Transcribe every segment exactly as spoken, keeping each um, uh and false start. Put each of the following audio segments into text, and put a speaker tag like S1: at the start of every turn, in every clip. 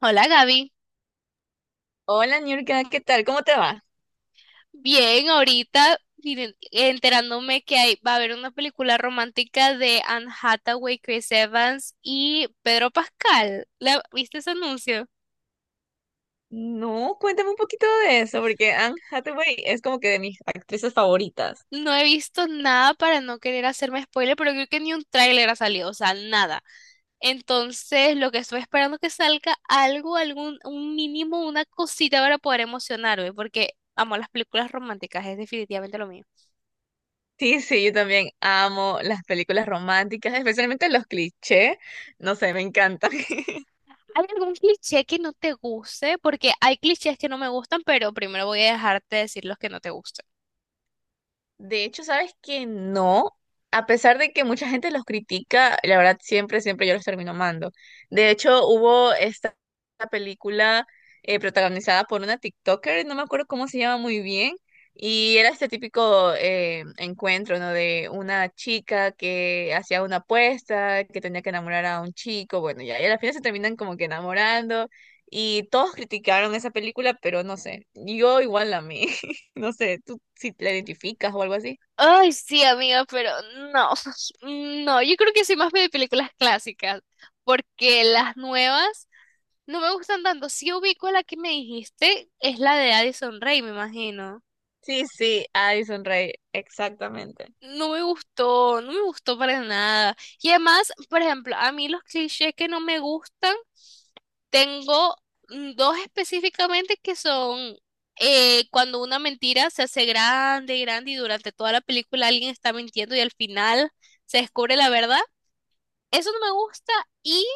S1: Hola Gaby,
S2: Hola, Niurka, ¿qué tal? ¿Cómo te va?
S1: bien, ahorita miren, enterándome que hay, va a haber una película romántica de Anne Hathaway, Chris Evans y Pedro Pascal. ¿La, viste ese anuncio?
S2: No, cuéntame un poquito de eso, porque Anne Hathaway es como que de mis actrices favoritas.
S1: No he visto nada para no querer hacerme spoiler, pero creo que ni un tráiler ha salido, o sea, nada. Entonces, lo que estoy esperando es que salga algo, algún, un mínimo, una cosita para poder emocionarme, porque amo las películas románticas, es definitivamente lo mío.
S2: Sí, sí, yo también amo las películas románticas, especialmente los clichés. No sé, me encantan.
S1: ¿Hay algún cliché que no te guste? Porque hay clichés que no me gustan, pero primero voy a dejarte decir los que no te gustan.
S2: De hecho, ¿sabes que no? A pesar de que mucha gente los critica, la verdad siempre, siempre yo los termino amando. De hecho, hubo esta película eh, protagonizada por una TikToker, no me acuerdo cómo se llama muy bien, y era este típico eh, encuentro, ¿no? De una chica que hacía una apuesta, que tenía que enamorar a un chico, bueno, ya, y al final se terminan como que enamorando, y todos criticaron esa película, pero no sé, yo igual la amé. No sé, tú si te la identificas o algo así.
S1: Ay, sí, amiga, pero no, no, yo creo que soy más de películas clásicas, porque las nuevas no me gustan tanto. Si ubico la que me dijiste, es la de Addison Rae, me imagino.
S2: Sí, sí, Addison Rae, exactamente.
S1: No me gustó, no me gustó para nada. Y además, por ejemplo, a mí los clichés que no me gustan, tengo mm, dos específicamente que son eh, cuando una mentira se hace grande, grande y durante toda la película alguien está mintiendo y al final se descubre la verdad. Eso no me gusta y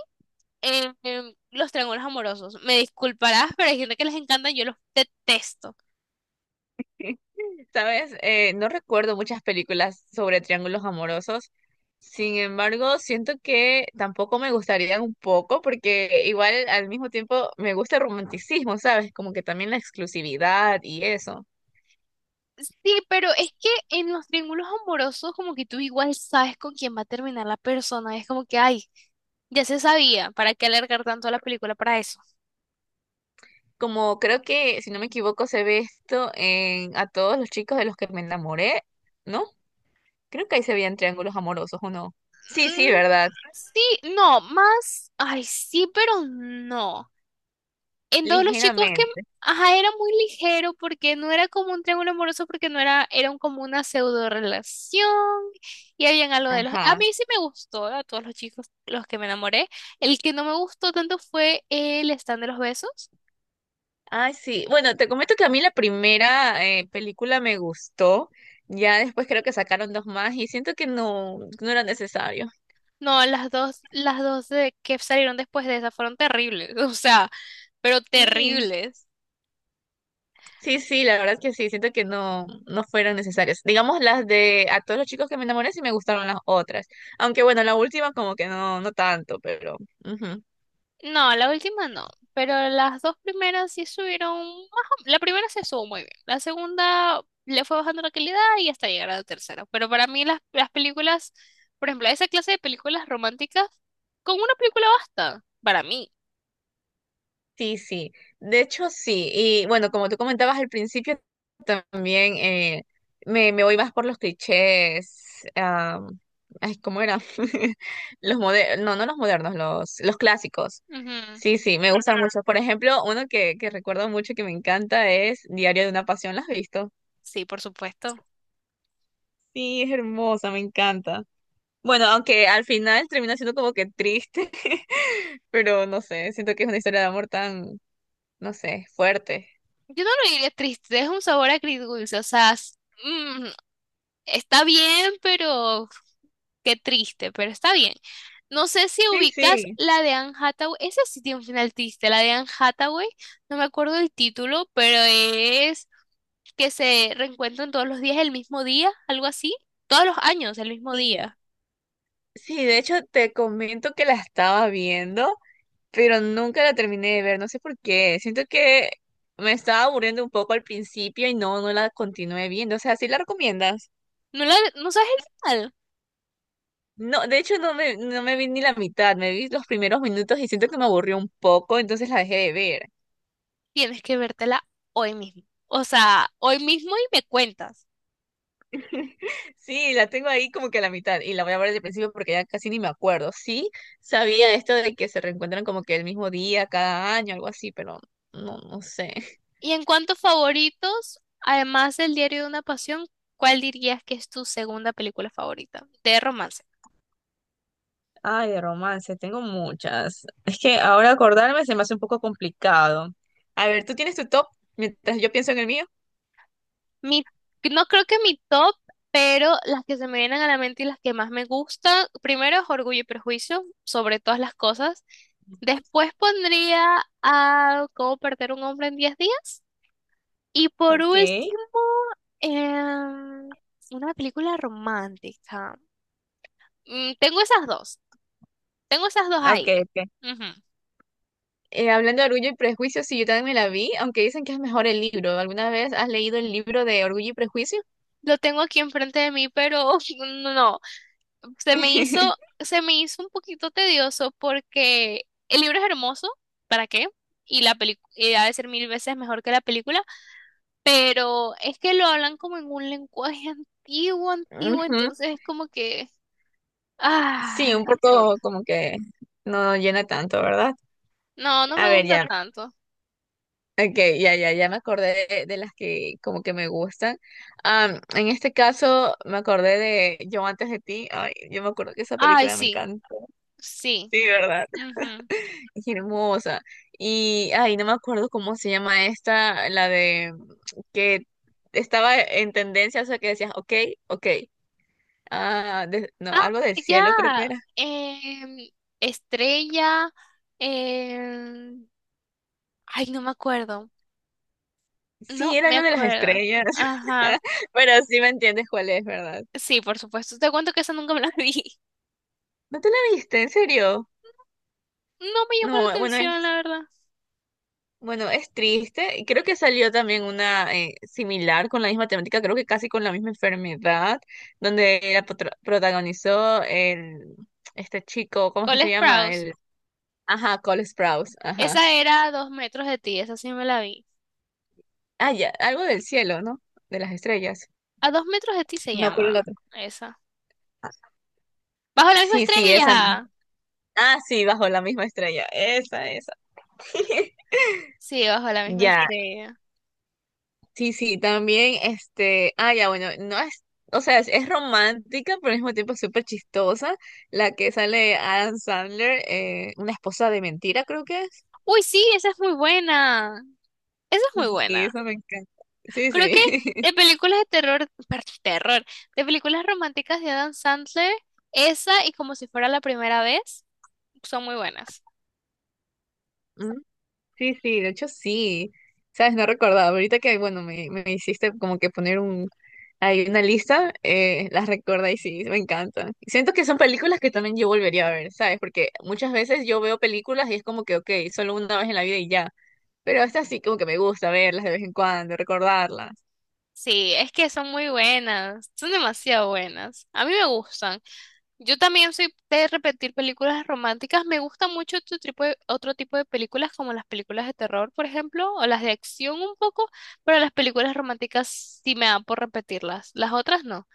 S1: eh, em, los triángulos amorosos. Me disculparás, pero hay gente que les encanta, yo los detesto.
S2: Sabes, Eh, no recuerdo muchas películas sobre triángulos amorosos. Sin embargo, siento que tampoco me gustaría un poco, porque igual al mismo tiempo me gusta el romanticismo, ¿sabes? Como que también la exclusividad y eso.
S1: Sí, pero es que en los triángulos amorosos como que tú igual sabes con quién va a terminar la persona, es como que, ay, ya se sabía, ¿para qué alargar tanto la película para eso?
S2: Como creo que, si no me equivoco, se ve esto en a todos los chicos de los que me enamoré, ¿no? Creo que ahí se veían triángulos amorosos, ¿o no? Sí, sí,
S1: Mm,
S2: ¿verdad?
S1: sí, no, más, ay, sí, pero no. En todos los chicos que,
S2: Ligeramente.
S1: ajá, era muy ligero porque no era como un triángulo amoroso, porque no era, era un- como una pseudo relación y habían algo de los, a
S2: Ajá.
S1: mí sí me gustó, a todos los chicos los que me enamoré, el que no me gustó tanto fue el stand de los besos.
S2: Ay, sí. Bueno, te comento que a mí la primera eh, película me gustó. Ya después creo que sacaron dos más y siento que no, no era necesario.
S1: No, las dos, las dos de que salieron después de esa fueron terribles, o sea, pero
S2: Sí.
S1: terribles.
S2: Sí, sí, la verdad es que sí. Siento que no, no fueron necesarias. Digamos las de a todos los chicos que me enamoré sí me gustaron las otras. Aunque bueno, la última como que no, no tanto, pero. Ujú.
S1: No, la última no, pero las dos primeras sí subieron, ajá, la primera se subió muy bien, la segunda le fue bajando la calidad y hasta llegar a la tercera. Pero para mí las, las películas, por ejemplo, esa clase de películas románticas, con una película basta, para mí.
S2: Sí, sí. De hecho, sí. Y bueno, como tú comentabas al principio, también eh, me, me voy más por los clichés. ah, ay, ¿cómo era? Los modernos, no, no los modernos, los, los clásicos.
S1: Ujú.
S2: Sí, sí, me gustan, ajá, mucho. Por ejemplo, uno que, que recuerdo mucho que me encanta es Diario de una Pasión. ¿Lo has visto?
S1: Sí, por supuesto.
S2: Sí, es hermosa, me encanta. Bueno, aunque al final termina siendo como que triste, pero no sé, siento que es una historia de amor tan, no sé, fuerte.
S1: Yo no lo diría triste, es un sabor agridulce, o sea, s- mm, está bien, pero qué triste, pero está bien. No sé si
S2: Sí,
S1: ubicas
S2: sí.
S1: la de Anne Hathaway. Esa sí tiene un final triste. La de Anne Hathaway, no me acuerdo el título, pero es que se reencuentran todos los días el mismo día, algo así. Todos los años el mismo
S2: Sí,
S1: día.
S2: sí, de hecho te comento que la estaba viendo, pero nunca la terminé de ver, no sé por qué. Siento que me estaba aburriendo un poco al principio y no, no la continué viendo. O sea, ¿sí la recomiendas?
S1: ¿No, la, no sabes el final?
S2: No, de hecho no me, no me vi ni la mitad, me vi los primeros minutos y siento que me aburrió un poco, entonces la dejé de ver.
S1: Tienes que vértela hoy mismo. O sea, hoy mismo y me cuentas.
S2: Sí, la tengo ahí como que a la mitad y la voy a ver desde el principio porque ya casi ni me acuerdo. Sí, sabía esto de que se reencuentran como que el mismo día, cada año, algo así, pero no, no sé.
S1: Y en cuanto a favoritos, además del Diario de una Pasión, ¿cuál dirías que es tu segunda película favorita de romance?
S2: Ay, de romance, tengo muchas. Es que ahora acordarme se me hace un poco complicado. A ver, ¿tú tienes tu top mientras yo pienso en el mío?
S1: Mi, no creo que mi top, pero las que se me vienen a la mente y las que más me gustan, primero es Orgullo y Prejuicio, sobre todas las cosas. Después pondría a Cómo perder un hombre en diez días. Y por
S2: Ok,
S1: último, em, una película romántica. Mm, tengo esas dos, tengo esas dos
S2: ok,
S1: ahí.
S2: ok.
S1: Ujú.
S2: Eh, hablando de Orgullo y Prejuicio, sí, yo también me la vi, aunque dicen que es mejor el libro. ¿Alguna vez has leído el libro de Orgullo y Prejuicio?
S1: Lo tengo aquí enfrente de mí, pero no, se me hizo, se me hizo un poquito tedioso porque el libro es hermoso, ¿para qué? Y la película ha de ser mil veces mejor que la película, pero es que lo hablan como en un lenguaje antiguo, antiguo,
S2: Ujú.
S1: entonces es como que,
S2: Sí,
S1: ah,
S2: un
S1: chut.
S2: poco como que no llena tanto, ¿verdad?
S1: No, no
S2: A
S1: me
S2: ver,
S1: gusta
S2: ya.
S1: tanto.
S2: Okay, ya, ya, ya me acordé de, de las que como que me gustan. Am, en este caso me acordé de Yo antes de ti. Ay, yo me acuerdo que esa
S1: Ay,
S2: película me
S1: sí,
S2: encanta.
S1: sí.
S2: Sí, ¿verdad?
S1: Ujú.
S2: Es hermosa. Y, ay, no me acuerdo cómo se llama esta, la de que estaba en tendencia, o sea, que decías, ok, ok. Ah, de- no,
S1: Ah,
S2: algo del
S1: ya.
S2: cielo creo que era.
S1: em, Estrella. em, Ay, no me acuerdo. No
S2: Sí, era
S1: me
S2: algo de las
S1: acuerdo.
S2: estrellas.
S1: Ajá.
S2: Pero sí me entiendes cuál es, ¿verdad?
S1: Sí, por supuesto. Te cuento que esa nunca me la vi.
S2: ¿No te la viste? ¿En serio?
S1: No me llamó la
S2: No, bueno,
S1: atención, la verdad.
S2: bueno, es triste. Y creo que salió también una eh, similar con la misma temática, creo que casi con la misma enfermedad, donde la potro- protagonizó el este chico, ¿cómo es que
S1: Cole
S2: se llama?
S1: Sprouse.
S2: El, ajá, Cole Sprouse, ajá.
S1: Esa era a dos metros de ti, esa sí me la vi.
S2: Ah, ya, algo del cielo, ¿no? De las estrellas.
S1: A dos metros de ti se
S2: No me acuerdo el
S1: llama
S2: otro.
S1: esa.
S2: Ah,
S1: Bajo la misma
S2: sí, sí, esa misma.
S1: estrella.
S2: Ah, sí, bajo la misma estrella. Esa, esa.
S1: Sí, bajo la misma
S2: Ya.
S1: estrella.
S2: Sí, sí, también, este, ah, ya, bueno, no es, o sea, es, es romántica, pero al mismo tiempo es súper chistosa, la que sale de Adam Sandler, eh, una esposa de mentira, creo que es.
S1: Uy, sí, esa es muy buena. Esa es muy
S2: Y
S1: buena.
S2: eso me encanta. Sí,
S1: Creo que
S2: sí.
S1: de películas de terror, per- terror, de películas románticas de Adam Sandler, esa y como si fuera la primera vez, son muy buenas.
S2: Mm, sí, sí, de hecho sí. Sabes, no recordaba, ahorita que, bueno, me, me hiciste como que poner un, ahí una lista, eh, las recuerda y sí, me encanta. Siento que son películas que también yo volvería a ver, ¿sabes? Porque muchas veces yo veo películas y es como que, ok, solo una vez en la vida y ya. Pero estas sí como que me gusta verlas de vez en cuando, recordarlas.
S1: Sí, es que son muy buenas, son demasiado buenas. A mí me gustan. Yo también soy de repetir películas románticas. Me gusta mucho otro tipo de, otro tipo de películas, como las películas de terror, por ejemplo, o las de acción un poco, pero las películas románticas sí me dan por repetirlas. Las otras no.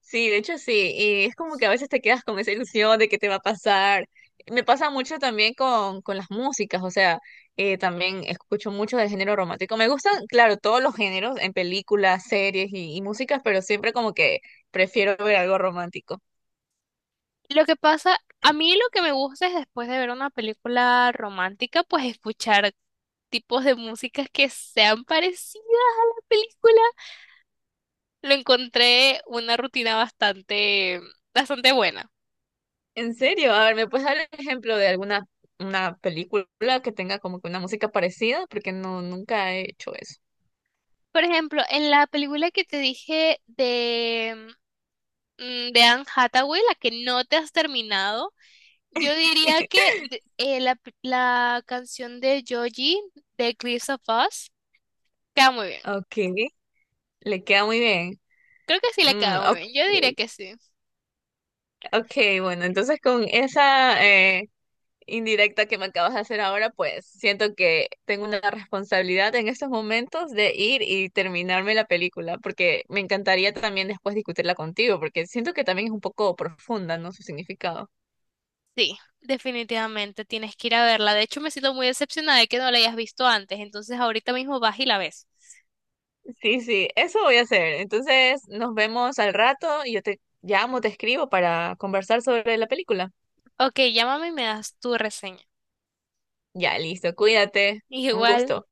S2: Sí, de hecho sí, y es como que a veces te quedas con esa ilusión de que te va a pasar. Me pasa mucho también con, con las músicas, o sea, eh, también escucho mucho del género romántico. Me gustan, claro, todos los géneros en películas, series y, y músicas, pero siempre como que prefiero ver algo romántico.
S1: Lo que pasa, a mí lo que me gusta es después de ver una película romántica, pues escuchar tipos de músicas que sean parecidas a la película. Lo encontré una rutina bastante, bastante buena.
S2: En serio, a ver, ¿me puedes dar el ejemplo de alguna una película que tenga como que una música parecida? Porque no, nunca he hecho eso.
S1: Por ejemplo, en la película que te dije de, mm, de Anne Hathaway, la que no te has terminado, yo diría que de- eh, la, p- la canción de Joji de Cliffs of Us queda muy bien.
S2: Ok, le queda muy bien.
S1: Creo que sí le
S2: Mm,
S1: queda muy
S2: ok,
S1: bien. Yo diría que sí.
S2: ok, bueno, entonces con esa eh, indirecta que me acabas de hacer ahora, pues siento que tengo una responsabilidad en estos momentos de ir y terminarme la película, porque me encantaría también después discutirla contigo, porque siento que también es un poco profunda, ¿no? Su significado.
S1: Sí, definitivamente tienes que ir a verla. De hecho, me siento muy decepcionada de que no la hayas visto antes. Entonces, ahorita mismo vas y la ves.
S2: Sí, sí, eso voy a hacer. Entonces nos vemos al rato y yo te llamo, te escribo para conversar sobre la película.
S1: Ok, llámame y me das tu reseña.
S2: Ya, listo, cuídate, un
S1: Igual.
S2: gusto.